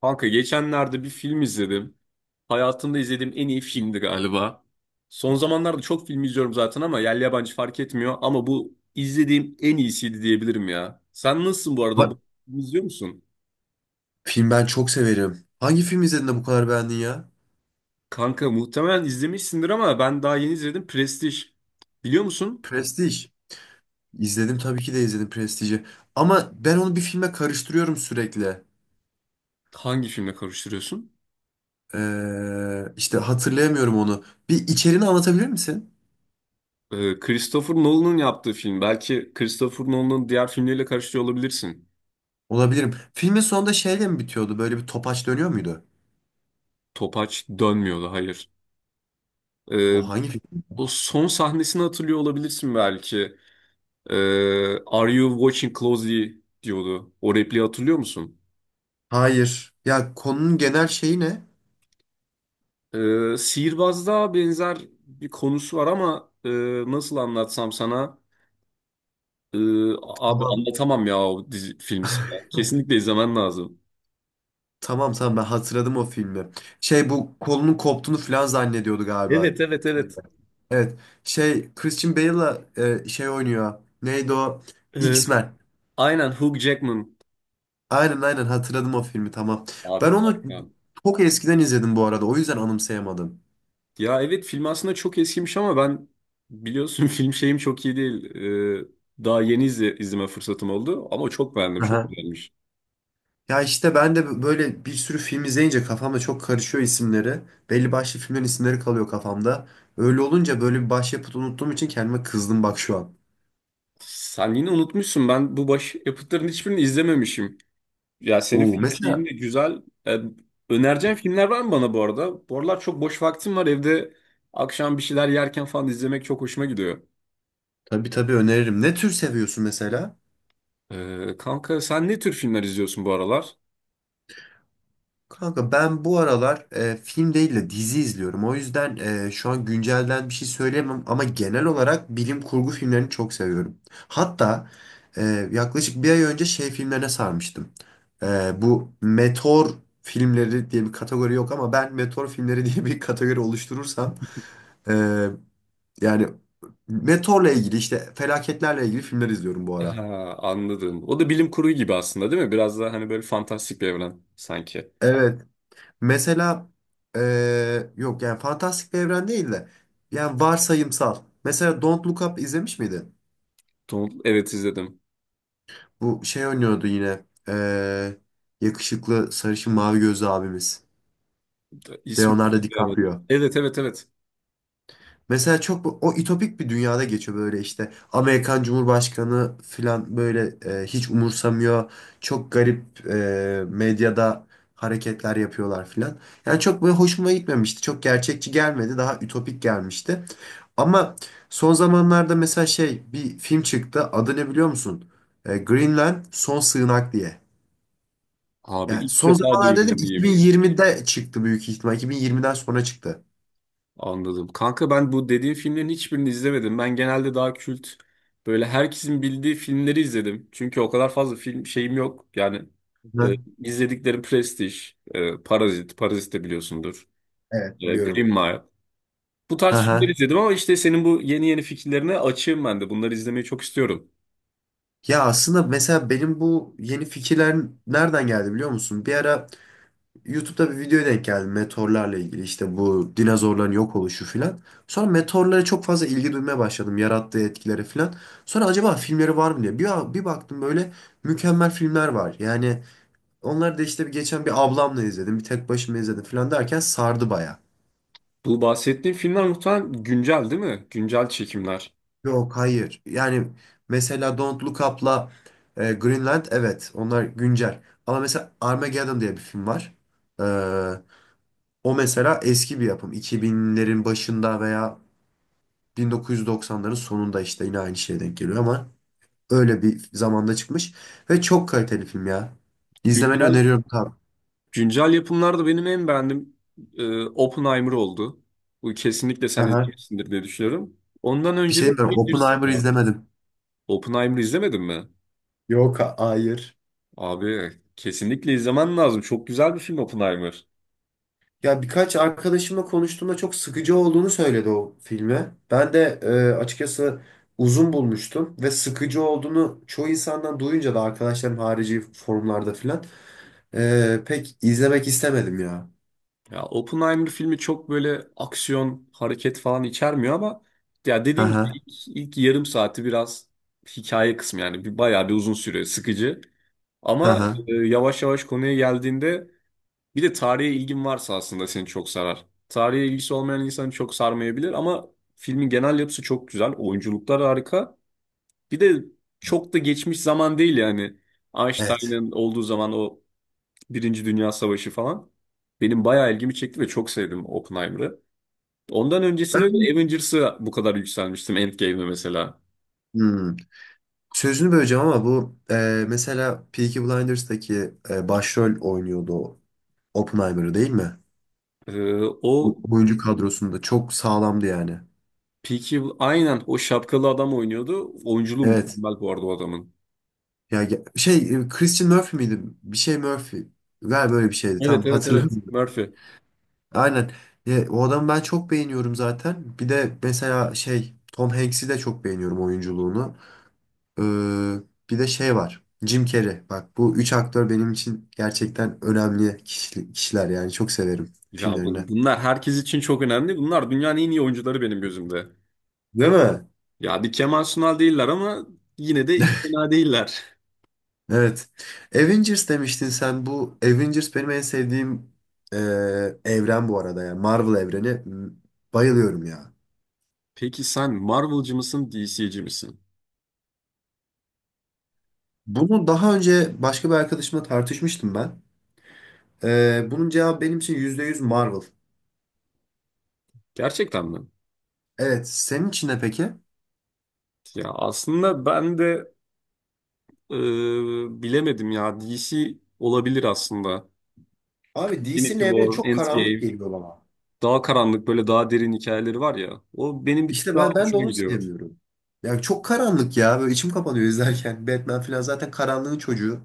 Kanka geçenlerde bir film izledim. Hayatımda izlediğim en iyi filmdi galiba. Son zamanlarda çok film izliyorum zaten ama yerli yabancı fark etmiyor. Ama bu izlediğim en iyisiydi diyebilirim ya. Sen nasılsın bu arada? Bu Bak, filmi İzliyor musun? film ben çok severim. Hangi film izledin de bu kadar beğendin ya? Kanka muhtemelen izlemişsindir ama ben daha yeni izledim. Prestij. Biliyor musun? Prestige. İzledim tabii ki de izledim Prestij'i. Ama ben onu bir filme karıştırıyorum sürekli. Hangi filmle karıştırıyorsun? İşte hatırlayamıyorum onu. Bir içeriğini anlatabilir misin? Christopher Nolan'ın yaptığı film. Belki Christopher Nolan'ın diğer filmleriyle karıştırıyor olabilirsin. Olabilirim. Filmin sonunda şeyle mi bitiyordu? Böyle bir topaç dönüyor muydu? Topaç dönmüyordu, hayır. Ee, O hangi film? O son sahnesini hatırlıyor olabilirsin belki. Are you watching closely diyordu. O repliği hatırlıyor musun? Hayır. Ya konunun genel şeyi ne? Sihirbazda benzer bir konusu var ama nasıl anlatsam sana? Ee, abi Tamam. anlatamam ya o dizi, filmi sana. Kesinlikle izlemen lazım. Tamam, tamam, ben hatırladım o filmi. Şey, bu kolunun koptuğunu falan zannediyordu galiba. Evet evet evet. Evet. Şey Christian Bale'la şey oynuyor. Neydi o? Ee, X-Men. aynen Hugh Jackman. Aynen, aynen, hatırladım o filmi, tamam. Abi Ben onu harika. çok eskiden izledim bu arada. O yüzden anımsayamadım. Ya evet film aslında çok eskimiş ama ben biliyorsun film şeyim çok iyi değil. Daha yeni izleme fırsatım oldu ama çok beğendim, çok Aha. beğenmiş. Ya işte ben de böyle bir sürü film izleyince kafamda çok karışıyor isimleri. Belli başlı filmlerin isimleri kalıyor kafamda. Öyle olunca böyle bir başyapıt unuttuğum için kendime kızdım bak şu an. Sen yine unutmuşsun ben bu baş yapıtların hiçbirini izlememişim. Ya senin Oo, film şeyin mesela de güzel. Ee, önereceğin filmler var mı bana bu arada? Bu aralar çok boş vaktim var evde akşam bir şeyler yerken falan izlemek çok hoşuma gidiyor. tabii, tabii öneririm. Ne tür seviyorsun mesela? Kanka sen ne tür filmler izliyorsun bu aralar? Kanka, ben bu aralar film değil de dizi izliyorum. O yüzden şu an güncelden bir şey söyleyemem ama genel olarak bilim kurgu filmlerini çok seviyorum. Hatta e, yaklaşık bir ay önce şey filmlerine sarmıştım. E, bu meteor filmleri diye bir kategori yok ama ben meteor filmleri diye bir kategori oluşturursam e, yani meteorla ilgili işte felaketlerle ilgili filmler izliyorum bu ara. Ha, anladım. O da bilim kurgu gibi aslında değil mi? Biraz daha hani böyle fantastik bir evren sanki. Evet. Mesela yok, yani fantastik bir evren değil de yani varsayımsal. Mesela Don't Look Up izlemiş miydin? Evet izledim. Bu şey oynuyordu yine, yakışıklı, sarışın, mavi gözlü abimiz. İsmi Leonardo hatırlayamadım. DiCaprio. Evet evet evet. Mesela çok o ütopik bir dünyada geçiyor böyle işte. Amerikan Cumhurbaşkanı falan böyle hiç umursamıyor. Çok garip medyada hareketler yapıyorlar falan. Yani çok böyle hoşuma gitmemişti. Çok gerçekçi gelmedi. Daha ütopik gelmişti. Ama son zamanlarda mesela şey bir film çıktı. Adı ne biliyor musun? E, Greenland Son Sığınak diye. Abi Yani ilk son defa zamanlarda dedim, duydum diyeyim. 2020'de çıktı büyük ihtimal. 2020'den sonra çıktı. Anladım. Kanka ben bu dediğin filmlerin hiçbirini izlemedim. Ben genelde daha kült böyle herkesin bildiği filmleri izledim. Çünkü o kadar fazla film şeyim yok. Yani e, Hı. izlediklerim Prestige, Parazit, Parazit de biliyorsundur. Evet, Green biliyorum. Mile. Bu Hı tarz filmleri hı. izledim ama işte senin bu yeni yeni fikirlerine açığım ben de. Bunları izlemeyi çok istiyorum. Ya aslında mesela benim bu yeni fikirler nereden geldi biliyor musun? Bir ara YouTube'da bir videoya denk geldim meteorlarla ilgili, işte bu dinozorların yok oluşu filan. Sonra meteorlara çok fazla ilgi duymaya başladım, yarattığı etkileri filan. Sonra acaba filmleri var mı diye bir baktım böyle, mükemmel filmler var. Yani onlar da işte bir geçen bir ablamla izledim, bir tek başıma izledim filan derken sardı baya. Bu bahsettiğim filmler muhtemelen güncel değil mi? Güncel çekimler. Yok, hayır. Yani mesela Don't Look Up'la Greenland, evet, onlar güncel. Ama mesela Armageddon diye bir film var. Ee, O mesela eski bir yapım. 2000'lerin başında veya 1990'ların sonunda, işte yine aynı şeye denk geliyor ama öyle bir zamanda çıkmış. Ve çok kaliteli film ya. İzlemeni Güncel öneriyorum tabii. Güncel yapımlarda benim en beğendiğim Oppenheimer oldu. Bu kesinlikle sen Aha. izlemişsindir diye düşünüyorum. Ondan Bir önce de şey mi? Avengers Oppenheimer vardı. izlemedim. Oppenheimer'ı izlemedin mi? Yok, hayır. Abi kesinlikle izlemen lazım. Çok güzel bir film Oppenheimer. Ya birkaç arkadaşımla konuştuğumda çok sıkıcı olduğunu söyledi o filmi. Ben de açıkçası uzun bulmuştum ve sıkıcı olduğunu çoğu insandan duyunca da, arkadaşlarım harici forumlarda filan, pek izlemek istemedim ya. Ya Oppenheimer filmi çok böyle aksiyon, hareket falan içermiyor ama ya Hı dediğin gibi hı, ilk yarım saati biraz hikaye kısmı yani bir bayağı bir uzun süre sıkıcı. hı Ama hı. Yavaş yavaş konuya geldiğinde, bir de tarihe ilgin varsa aslında seni çok sarar. Tarihe ilgisi olmayan insanı çok sarmayabilir ama filmin genel yapısı çok güzel. Oyunculuklar harika. Bir de çok da geçmiş zaman değil yani. Evet. Einstein'ın olduğu zaman o Birinci Dünya Savaşı falan. Benim bayağı ilgimi çekti ve çok sevdim Oppenheimer'ı. Ondan öncesinde de Ben, Avengers'ı bu kadar yükselmiştim Endgame'e mesela. Hmm, sözünü böleceğim ama bu mesela Peaky Blinders'taki başrol oynuyordu o Oppenheimer'ı değil mi? Ee, o Oyuncu kadrosunda çok sağlamdı yani. Peaky, aynen o şapkalı adam oynuyordu. Oyunculuğu Evet. mükemmel bu arada o adamın. Ya şey, Christian Murphy miydi? Bir şey Murphy. Galiba böyle bir şeydi. Tam Evet evet evet. hatırlamıyorum. Murphy. Aynen. Ya, o adamı ben çok beğeniyorum zaten. Bir de mesela şey Tom Hanks'i de çok beğeniyorum oyunculuğunu. Ee, bir de şey var. Jim Carrey. Bak, bu üç aktör benim için gerçekten önemli kişiler yani. Çok severim Ya filmlerini. Bunlar herkes için çok önemli. Bunlar dünyanın en iyi oyuncuları benim gözümde. Değil mi? Ya bir Kemal Sunal değiller ama yine de fena değiller. Evet. Avengers demiştin sen. Bu Avengers benim en sevdiğim e, evren bu arada. Yani Marvel evreni. M- Bayılıyorum ya. Peki sen Marvel'cı mısın, DC'ci misin? Bunu daha önce başka bir arkadaşımla tartışmıştım ben. Bunun cevabı benim için %100 Marvel. Gerçekten mi? Evet, senin için ne peki? Ya aslında ben de e, bilemedim ya. DC olabilir aslında. Abi, DC'nin Infinity evreni War, çok karanlık Endgame, geliyor bana. daha karanlık böyle daha derin hikayeleri var ya. O benim bir tık İşte daha ben de hoşuma onu gidiyor. sevmiyorum. Yani çok karanlık ya. Böyle içim kapanıyor izlerken. Batman falan zaten karanlığın çocuğu.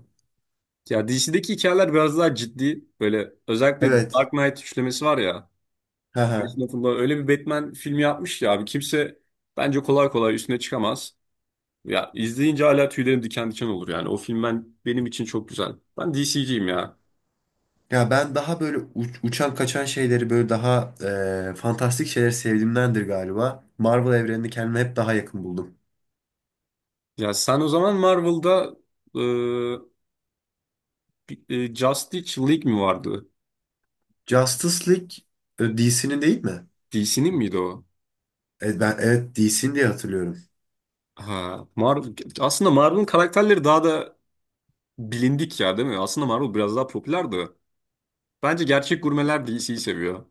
Ya DC'deki hikayeler biraz daha ciddi. Böyle özellikle Evet. Dark Knight üçlemesi var ya. Hı hı. Christopher'la öyle bir Batman filmi yapmış ya abi kimse bence kolay kolay üstüne çıkamaz. Ya izleyince hala tüylerim diken diken olur yani. O film benim için çok güzel. Ben DC'ciyim ya. Ya ben daha böyle uçan kaçan şeyleri, böyle daha fantastik şeyleri sevdiğimdendir galiba. Marvel evrenini kendime hep daha yakın buldum. Ya sen o zaman Marvel'da e, bir- Justice League mi vardı? Justice League DC'nin değil mi? DC'nin miydi o? Evet, ben evet DC'nin diye hatırlıyorum. Ha, Marvel, aslında Marvel'ın karakterleri daha da bilindik ya değil mi? Aslında Marvel biraz daha popülerdi. Bence gerçek gurmeler DC'yi seviyor.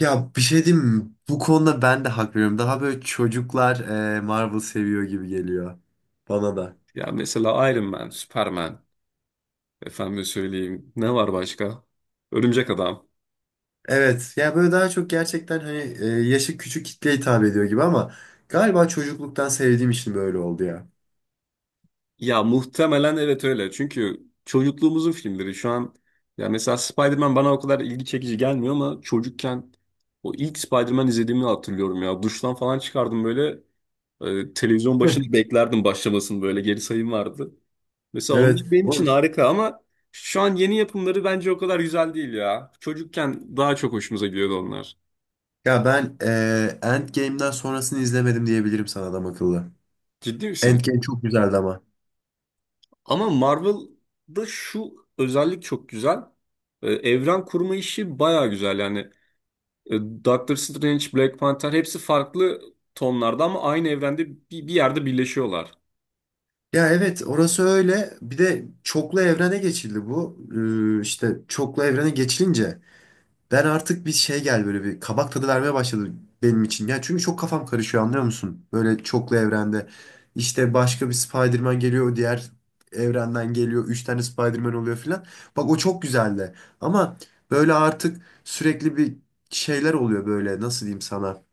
Ya bir şey diyeyim mi? Bu konuda ben de hak veriyorum. Daha böyle çocuklar Marvel seviyor gibi geliyor bana da. Ya mesela Iron Man, Superman. Efendim söyleyeyim. Ne var başka? Örümcek Adam. Evet ya, böyle daha çok gerçekten hani yaşı küçük kitleye hitap ediyor gibi ama galiba çocukluktan sevdiğim için böyle oldu ya. Ya muhtemelen evet öyle. Çünkü çocukluğumuzun filmleri şu an ya mesela Spider-Man bana o kadar ilgi çekici gelmiyor ama çocukken o ilk Spider-Man izlediğimi hatırlıyorum ya. Duştan falan çıkardım böyle televizyon başında beklerdim başlamasını böyle geri sayım vardı. Mesela onlar Evet. benim için Oğlum, harika ama şu an yeni yapımları bence o kadar güzel değil ya. Çocukken daha çok hoşumuza gidiyordu onlar. ya ben Endgame'den sonrasını izlemedim diyebilirim sana adam akıllı. Ciddi misin? Endgame çok güzeldi ama. Ama Marvel'da şu özellik çok güzel. Evren kurma işi baya güzel. Yani Doctor Strange, Black Panther hepsi farklı tonlarda ama aynı evrende bir yerde birleşiyorlar. Ya evet, orası öyle. Bir de çoklu evrene geçildi bu. İşte çoklu evrene geçilince, ben artık bir şey, gel, böyle bir kabak tadı vermeye başladı benim için. Ya çünkü çok kafam karışıyor, anlıyor musun? Böyle çoklu evrende. İşte başka bir Spider-Man geliyor, diğer evrenden geliyor. Üç tane Spider-Man oluyor filan. Bak, o çok güzeldi. Ama böyle artık sürekli bir şeyler oluyor böyle, nasıl diyeyim sana.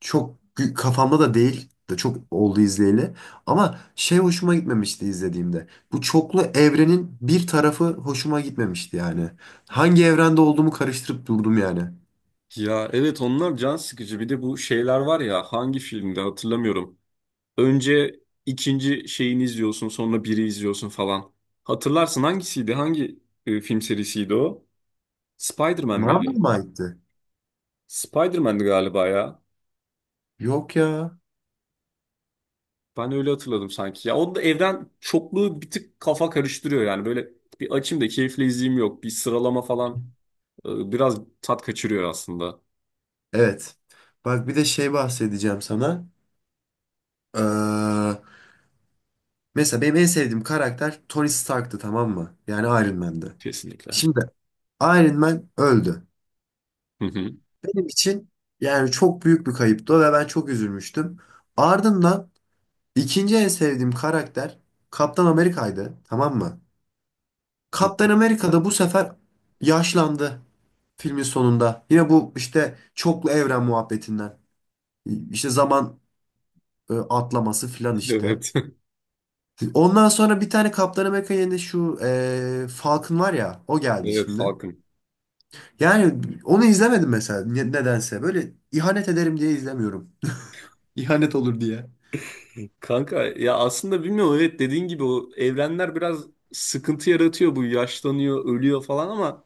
Çok kafamda da değil de çok oldu izleyeli. Ama şey, hoşuma gitmemişti izlediğimde. Bu çoklu evrenin bir tarafı hoşuma gitmemişti yani. Hangi evrende olduğumu karıştırıp durdum yani. Ya evet onlar can sıkıcı. Bir de bu şeyler var ya hangi filmde hatırlamıyorum. Önce ikinci şeyini izliyorsun sonra biri izliyorsun falan. Hatırlarsın hangisiydi? Hangi film serisiydi o? Spider-Man Marvel miydi? mı aitti? Spider-Man'di galiba ya. Yok ya. Ben öyle hatırladım sanki. Ya onu da evden çokluğu bir tık kafa karıştırıyor yani. Böyle bir açayım da keyifle izleyeyim yok. Bir sıralama falan biraz tat kaçırıyor aslında. Evet. Bak, bir de şey bahsedeceğim sana. Ee, mesela benim en sevdiğim karakter Tony Stark'tı, tamam mı? Yani Iron Man'di. Kesinlikle. Şimdi Iron Man öldü. Hı hı. Benim için yani çok büyük bir kayıptı ve ben çok üzülmüştüm. Ardından İkinci en sevdiğim karakter Kaptan Amerika'ydı, tamam mı? Kaptan Amerika da bu sefer yaşlandı filmin sonunda. Yine bu işte çoklu evren muhabbetinden. İşte zaman atlaması filan işte. Evet. Ondan sonra bir tane Kaptan Amerika yerine şu Falcon var ya, o geldi Evet şimdi. Falcon. Yani onu izlemedim mesela, nedense. Böyle ihanet ederim diye izlemiyorum. İhanet olur diye. Kanka ya aslında bilmiyorum evet dediğin gibi o evrenler biraz sıkıntı yaratıyor bu yaşlanıyor ölüyor falan ama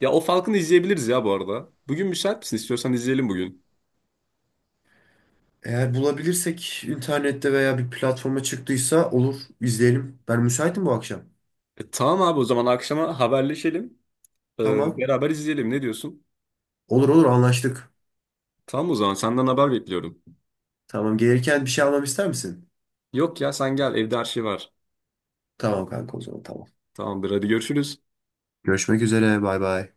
ya o Falcon'ı izleyebiliriz ya bu arada. Bugün müsait misin? İstiyorsan izleyelim bugün. Eğer bulabilirsek internette veya bir platforma çıktıysa olur, izleyelim. Ben müsaitim bu akşam. Tamam abi o zaman akşama haberleşelim. E, Tamam. beraber izleyelim ne diyorsun? Olur olur, anlaştık. Tamam o zaman senden haber bekliyorum. Tamam, gelirken bir şey almam ister misin? Yok ya sen gel evde her şey var. Tamam kanka, o zaman tamam. Tamamdır hadi görüşürüz. Görüşmek üzere, bay bay.